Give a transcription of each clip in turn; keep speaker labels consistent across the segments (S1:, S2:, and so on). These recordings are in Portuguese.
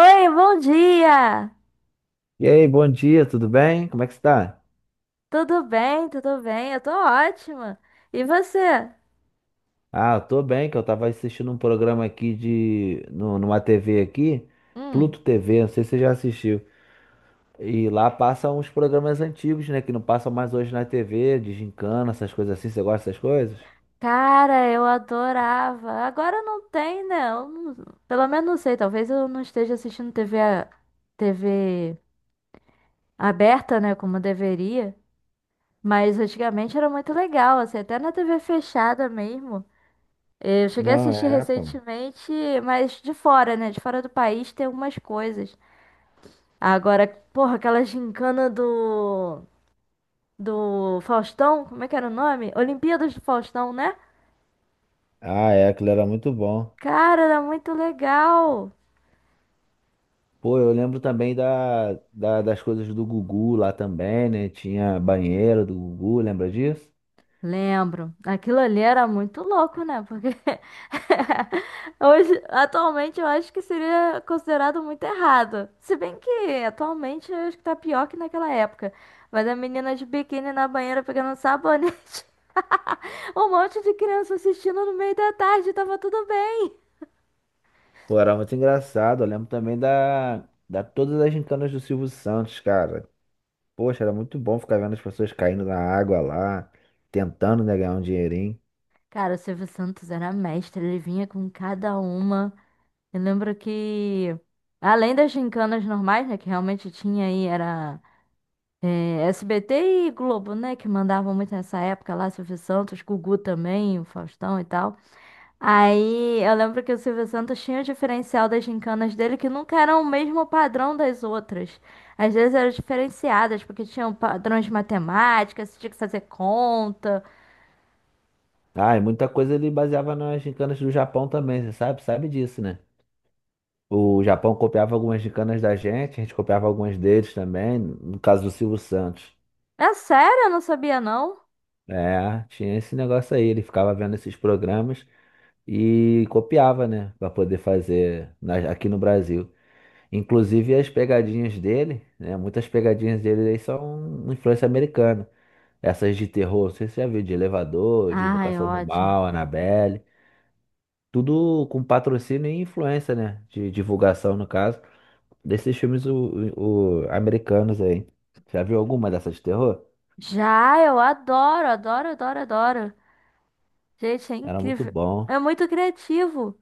S1: Oi, bom dia!
S2: E aí, bom dia, tudo bem? Como é que você tá?
S1: Tudo bem, tudo bem? Eu tô ótima. E você?
S2: Ah, eu tô bem, que eu tava assistindo um programa aqui de... no- numa TV aqui,
S1: Hum,
S2: Pluto TV, não sei se você já assistiu. E lá passam uns programas antigos, né, que não passam mais hoje na TV, de gincana, essas coisas assim. Você gosta dessas coisas?
S1: cara, eu adorava. Agora não tem, né? Eu não- pelo menos não sei, talvez eu não esteja assistindo TV, TV aberta, né, como deveria. Mas antigamente era muito legal, assim, até na TV fechada mesmo. Eu cheguei a
S2: Não,
S1: assistir
S2: é, pô.
S1: recentemente, mas de fora, né? De fora do país tem algumas coisas. Agora, porra, aquela gincana do Faustão, como é que era o nome? Olimpíadas do Faustão, né?
S2: Ah, é, aquilo era muito bom.
S1: Cara, era muito legal.
S2: Pô, eu lembro também das coisas do Gugu lá também, né? Tinha banheiro do Gugu, lembra disso?
S1: Lembro. Aquilo ali era muito louco, né? Porque hoje, atualmente, eu acho que seria considerado muito errado. Se bem que atualmente eu acho que tá pior que naquela época. Mas a menina de biquíni na banheira pegando um sabonete. Um monte de criança assistindo no meio da tarde, tava tudo bem.
S2: Pô, era muito engraçado. Eu lembro também da, da todas as gincanas do Silvio Santos, cara. Poxa, era muito bom ficar vendo as pessoas caindo na água lá, tentando, né, ganhar um dinheirinho.
S1: Cara, o Silvio Santos era mestre, ele vinha com cada uma. Eu lembro que, além das gincanas normais, né, que realmente tinha aí, SBT e Globo, né, que mandavam muito nessa época lá, Silvio Santos, Gugu também, o Faustão e tal. Aí eu lembro que o Silvio Santos tinha o diferencial das gincanas dele, que nunca eram o mesmo padrão das outras. Às vezes eram diferenciadas, porque tinham padrões de matemática, você tinha que fazer conta.
S2: Ah, e muita coisa ele baseava nas gincanas do Japão também, você sabe? Sabe disso, né? O Japão copiava algumas gincanas da gente, a gente copiava algumas deles também, no caso do Silvio Santos.
S1: É sério, eu não sabia não.
S2: É, tinha esse negócio aí, ele ficava vendo esses programas e copiava, né, pra poder fazer aqui no Brasil. Inclusive as pegadinhas dele, né? Muitas pegadinhas dele aí são influência americana. Essas de terror, não sei se você já viu, de Elevador, de
S1: Ai,
S2: Invocação do
S1: ótimo.
S2: Mal, Annabelle. Tudo com patrocínio e influência, né? De divulgação, no caso, desses filmes americanos aí. Já viu alguma dessas de terror?
S1: Já, eu adoro, adoro, adoro, adoro. Gente, é
S2: Era muito
S1: incrível.
S2: bom.
S1: É muito criativo.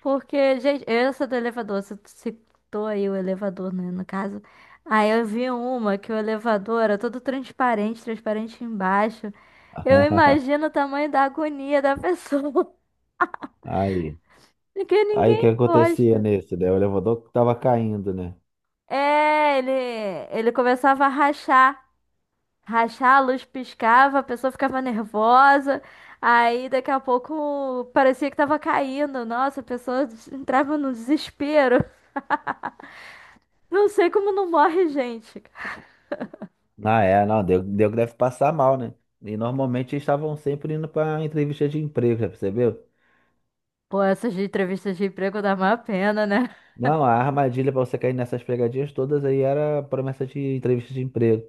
S1: Porque, gente, essa do elevador, você citou aí o elevador, né, no caso. Aí eu vi uma que o elevador era todo transparente, transparente embaixo. Eu imagino o tamanho da agonia da pessoa,
S2: Aí,
S1: que
S2: aí, o que
S1: ninguém
S2: acontecia
S1: gosta.
S2: nesse, né? O elevador tava caindo, né?
S1: É, ele começava a rachar. Rachar, a luz piscava, a pessoa ficava nervosa. Aí daqui a pouco parecia que tava caindo. Nossa, a pessoa des- entrava no desespero. Não sei como não morre, gente.
S2: Ah, é, não, deu que deve passar mal, né? E normalmente eles estavam sempre indo pra entrevista de emprego, já percebeu?
S1: Pô, essas de entrevistas de emprego dá uma pena, né?
S2: Não, a armadilha pra você cair nessas pegadinhas todas aí era promessa de entrevista de emprego.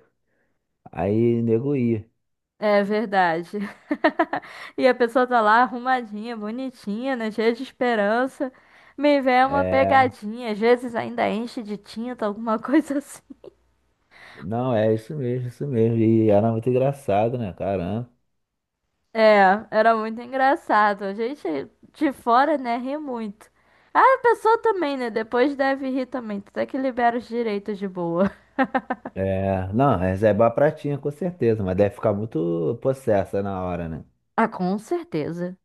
S2: Aí nego ia.
S1: É verdade. E a pessoa tá lá arrumadinha, bonitinha, né? Cheia de esperança. Me vem uma
S2: É,
S1: pegadinha, às vezes ainda enche de tinta, alguma coisa assim.
S2: não, é isso mesmo, isso mesmo. E era muito engraçado, né? Caramba.
S1: É, era muito engraçado. A gente de fora, né, ri muito. Ah, a pessoa também, né? Depois deve rir também. Até que libera os direitos de boa.
S2: É, não, reservar a pratinha com certeza, mas deve ficar muito possessa na hora, né?
S1: Ah, com certeza.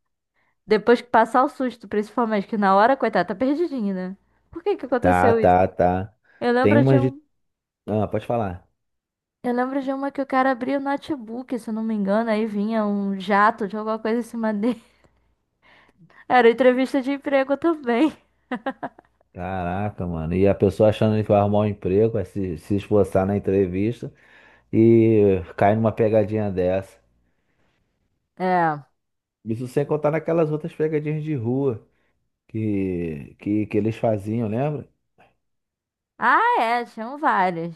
S1: Depois que passar o susto, principalmente, que na hora, coitada, tá perdidinha, né? Por que que
S2: Tá,
S1: aconteceu isso?
S2: tá, tá.
S1: Eu
S2: Tem
S1: lembro de
S2: umas de.
S1: um.
S2: Ah, pode falar.
S1: Eu lembro de uma que o cara abria o notebook, se eu não me engano, aí vinha um jato de alguma coisa em cima dele. Era entrevista de emprego também.
S2: Caraca, mano. E a pessoa achando que vai arrumar um emprego, vai se esforçar na entrevista e cai numa pegadinha dessa.
S1: É.
S2: Isso sem contar naquelas outras pegadinhas de rua que, que eles faziam, lembra?
S1: Ah, é, tinham várias.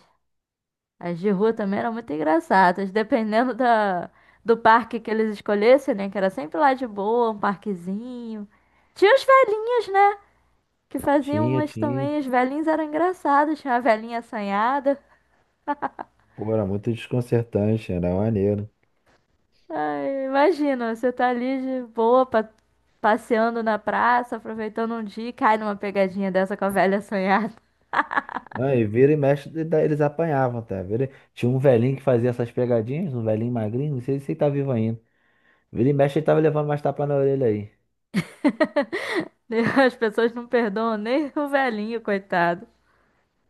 S1: As de rua também eram muito engraçadas, dependendo do parque que eles escolhessem, né? Que era sempre lá de boa, um parquezinho. Tinha os velhinhos, né? Que faziam
S2: Tinha,
S1: umas
S2: tinha.
S1: também. Os velhinhos eram engraçados, tinha uma velhinha assanhada.
S2: Pô, era muito desconcertante, era maneiro.
S1: Ai, imagina, você tá ali de boa, passeando na praça, aproveitando um dia e cai numa pegadinha dessa com a velha assanhada.
S2: Ah, e vira e mexe, e daí eles apanhavam, tá? Vira... Tinha um velhinho que fazia essas pegadinhas, um velhinho magrinho, não sei se ele tá vivo ainda. Vira e mexe, ele tava levando mais tapa na orelha aí.
S1: As pessoas não perdoam nem o velhinho, coitado.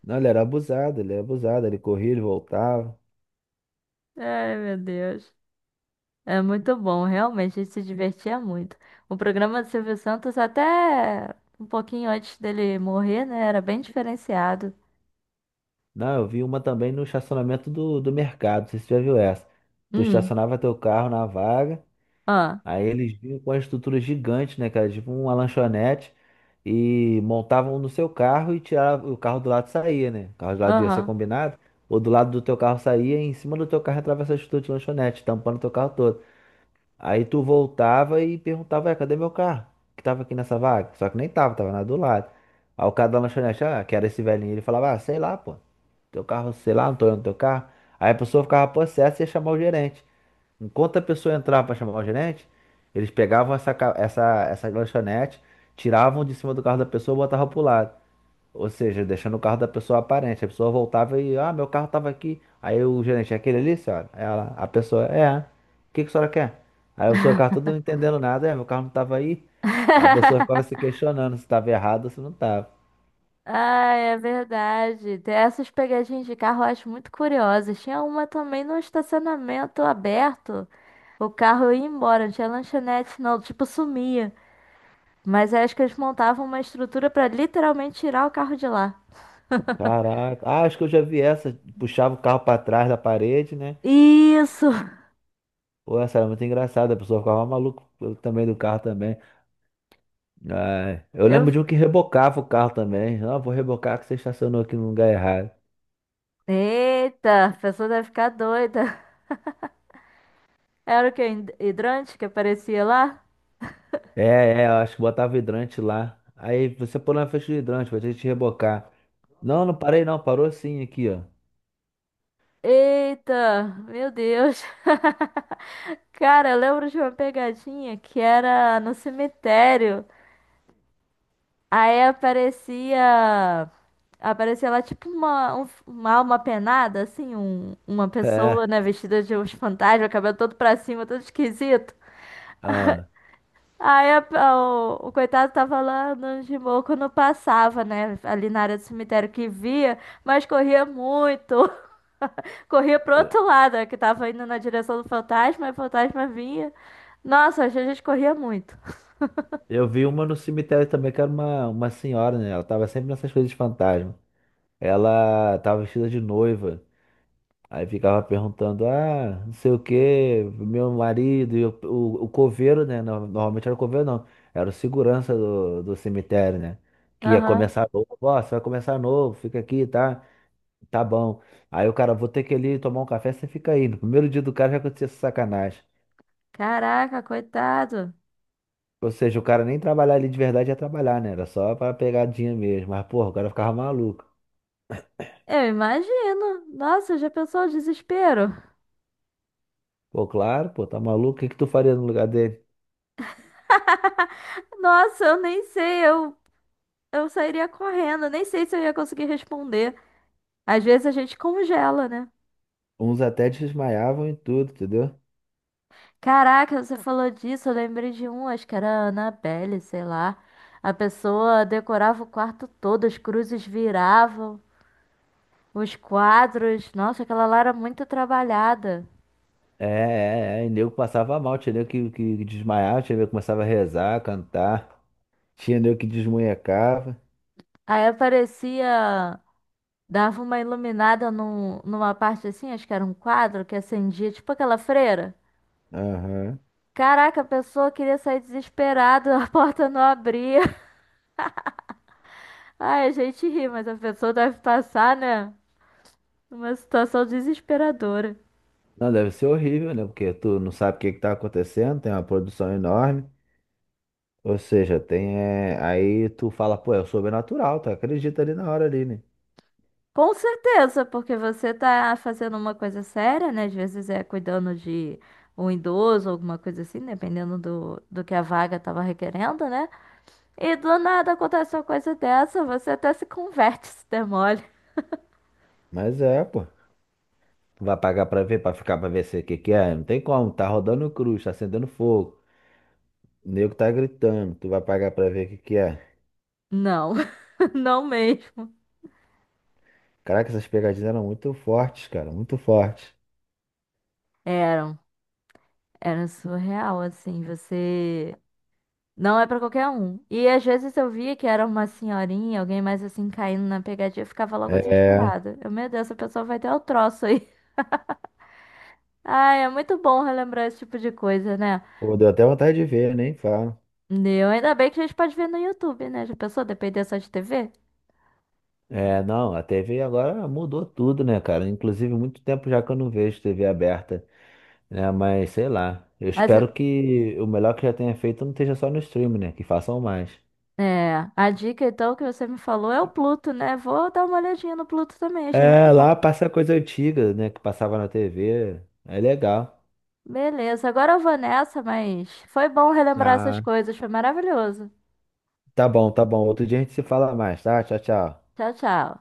S2: Não, ele era abusado, ele era abusado, ele corria, ele voltava.
S1: Ai, meu Deus. É muito bom, realmente, a gente se divertia muito. O programa do Silvio Santos, até um pouquinho antes dele morrer, né? Era bem diferenciado.
S2: Não, eu vi uma também no estacionamento do mercado, não sei se você já viu essa. Tu
S1: Hum,
S2: estacionava teu carro na vaga,
S1: ah,
S2: aí eles vinham com a estrutura gigante, né, cara? Tipo uma lanchonete, e montavam no seu carro e tirava, o carro do lado saía, né? O carro do lado ia ser
S1: aham.
S2: combinado, ou do lado do teu carro saía e em cima do teu carro entrava essa estrutura de lanchonete, tampando teu carro todo. Aí tu voltava e perguntava, "Ué, cadê meu carro? Que tava aqui nessa vaga? Só que nem tava, tava na do lado. Aí o cara da lanchonete, ah, que era esse velhinho, ele falava, ah, sei lá, pô, teu carro, sei lá, não tô olhando teu carro. Aí a pessoa ficava possessa e ia chamar o gerente. Enquanto a pessoa entrava para chamar o gerente, eles pegavam essa lanchonete, tiravam de cima do carro da pessoa e botavam pro lado. Ou seja, deixando o carro da pessoa aparente. A pessoa voltava e, ah, meu carro tava aqui. Aí o gerente, é aquele ali, senhora? Ela, a pessoa, é. O que que a senhora quer? Aí o senhor carro todo não entendendo nada, é, meu carro não tava aí. A pessoa ficava se questionando se estava errado ou se não estava.
S1: Ai, é verdade. Tem essas pegadinhas de carro eu acho muito curiosas. Tinha uma também no estacionamento aberto. O carro ia embora, não tinha lanchonete, não, tipo, sumia. Mas acho que eles montavam uma estrutura pra literalmente tirar o carro de lá.
S2: Caraca. Ah, acho que eu já vi essa. Puxava o carro pra trás da parede, né?
S1: Isso!
S2: Pô, essa era muito engraçada. A pessoa ficava maluca também do carro também. Ai, eu
S1: Eu,
S2: lembro de um que rebocava o carro também. Ah, vou rebocar que você estacionou aqui no lugar errado.
S1: eita, a pessoa deve ficar doida. Era o que? Hidrante que aparecia lá?
S2: É, é, eu acho que botava hidrante lá. Aí você pulou na frente do hidrante pra gente rebocar. Não, não parei não. Parou sim aqui, ó.
S1: Eita, meu Deus. Cara, eu lembro de uma pegadinha que era no cemitério. Aí aparecia. Aparecia lá tipo uma alma penada, assim, uma pessoa,
S2: É.
S1: né, vestida de uns fantasmas, cabelo todo pra cima, todo esquisito.
S2: Ah,
S1: Aí o coitado tava lá no de quando passava, né? Ali na área do cemitério que via, mas corria muito. Corria pro
S2: eu
S1: outro lado, né, que tava indo na direção do fantasma, e o fantasma vinha. Nossa, a gente corria muito.
S2: eu vi uma no cemitério também, que era uma senhora, né? Ela tava sempre nessas coisas de fantasma. Ela tava vestida de noiva. Aí ficava perguntando, ah, não sei o quê, meu marido, e o coveiro, né? Normalmente era o coveiro, não. Era o segurança do cemitério, né? Que ia
S1: Aham.
S2: começar novo. Ó, você vai começar novo, fica aqui, tá? Tá bom. Aí o cara, vou ter que ir ali tomar um café, você fica aí. No primeiro dia do cara já acontecia essa sacanagem.
S1: Caraca, coitado.
S2: Ou seja, o cara nem trabalhar ali de verdade ia trabalhar, né? Era só pra pegadinha mesmo. Mas, porra, o cara ficava maluco.
S1: Eu imagino. Nossa, já pensou o desespero?
S2: Pô, claro, pô, tá maluco? O que que tu faria no lugar dele?
S1: Nossa, eu nem sei, eu sairia correndo, nem sei se eu ia conseguir responder. Às vezes a gente congela, né?
S2: Uns até desmaiavam e tudo, entendeu?
S1: Caraca, você falou disso, eu lembrei de um, acho que era a Annabelle, sei lá. A pessoa decorava o quarto todo, as cruzes viravam, os quadros. Nossa, aquela lá era muito trabalhada.
S2: É, é, é. E nego passava mal, tinha nego que desmaiava, tinha nego que começava a rezar, cantar, tinha nego que desmunhecava.
S1: Aí aparecia, dava uma iluminada numa parte assim, acho que era um quadro que acendia, tipo aquela freira.
S2: Aham.
S1: Caraca, a pessoa queria sair desesperada, a porta não abria. Ai, a gente ri, mas a pessoa deve passar, né? Uma situação desesperadora.
S2: Não, deve ser horrível, né? Porque tu não sabe o que que tá acontecendo, tem uma produção enorme. Ou seja, tem. Aí tu fala, pô, é o sobrenatural, tu acredita ali na hora ali, né?
S1: Com certeza, porque você tá fazendo uma coisa séria, né? Às vezes é cuidando de um idoso, alguma coisa assim, dependendo do que a vaga tava requerendo, né? E do nada acontece uma coisa dessa, você até se converte, se der mole.
S2: Mas é, pô. Tu vai pagar pra ver, pra ficar pra ver se o que que é. Não tem como, tá rodando cruz, tá acendendo fogo. O nego tá gritando, tu vai pagar pra ver o que que é.
S1: Não, não mesmo.
S2: Caraca, essas pegadinhas eram muito fortes, cara, muito fortes.
S1: Eram, era surreal, assim, você. Não é pra qualquer um. E às vezes eu via que era uma senhorinha, alguém mais assim, caindo na pegadinha, eu ficava logo
S2: É,
S1: desesperada. Eu, meu Deus, essa pessoa vai ter o troço aí. Ai, é muito bom relembrar esse tipo de coisa, né?
S2: pô, deu até vontade de ver, nem falo.
S1: Eu, ainda bem que a gente pode ver no YouTube, né? Já pensou depender só de TV?
S2: É, não, a TV agora mudou tudo, né, cara? Inclusive, muito tempo já que eu não vejo TV aberta, né? Mas sei lá. Eu
S1: Mas
S2: espero que o melhor que já tenha feito não esteja só no stream, né? Que façam mais.
S1: é, a dica então que você me falou é o Pluto, né? Vou dar uma olhadinha no Pluto também, achei
S2: É,
S1: legal.
S2: lá passa coisa antiga, né? Que passava na TV. É legal.
S1: Beleza, agora eu vou nessa, mas foi bom relembrar essas
S2: Ah,
S1: coisas, foi maravilhoso.
S2: tá bom, tá bom. Outro dia a gente se fala mais, tá? Tchau, tchau.
S1: Tchau, tchau.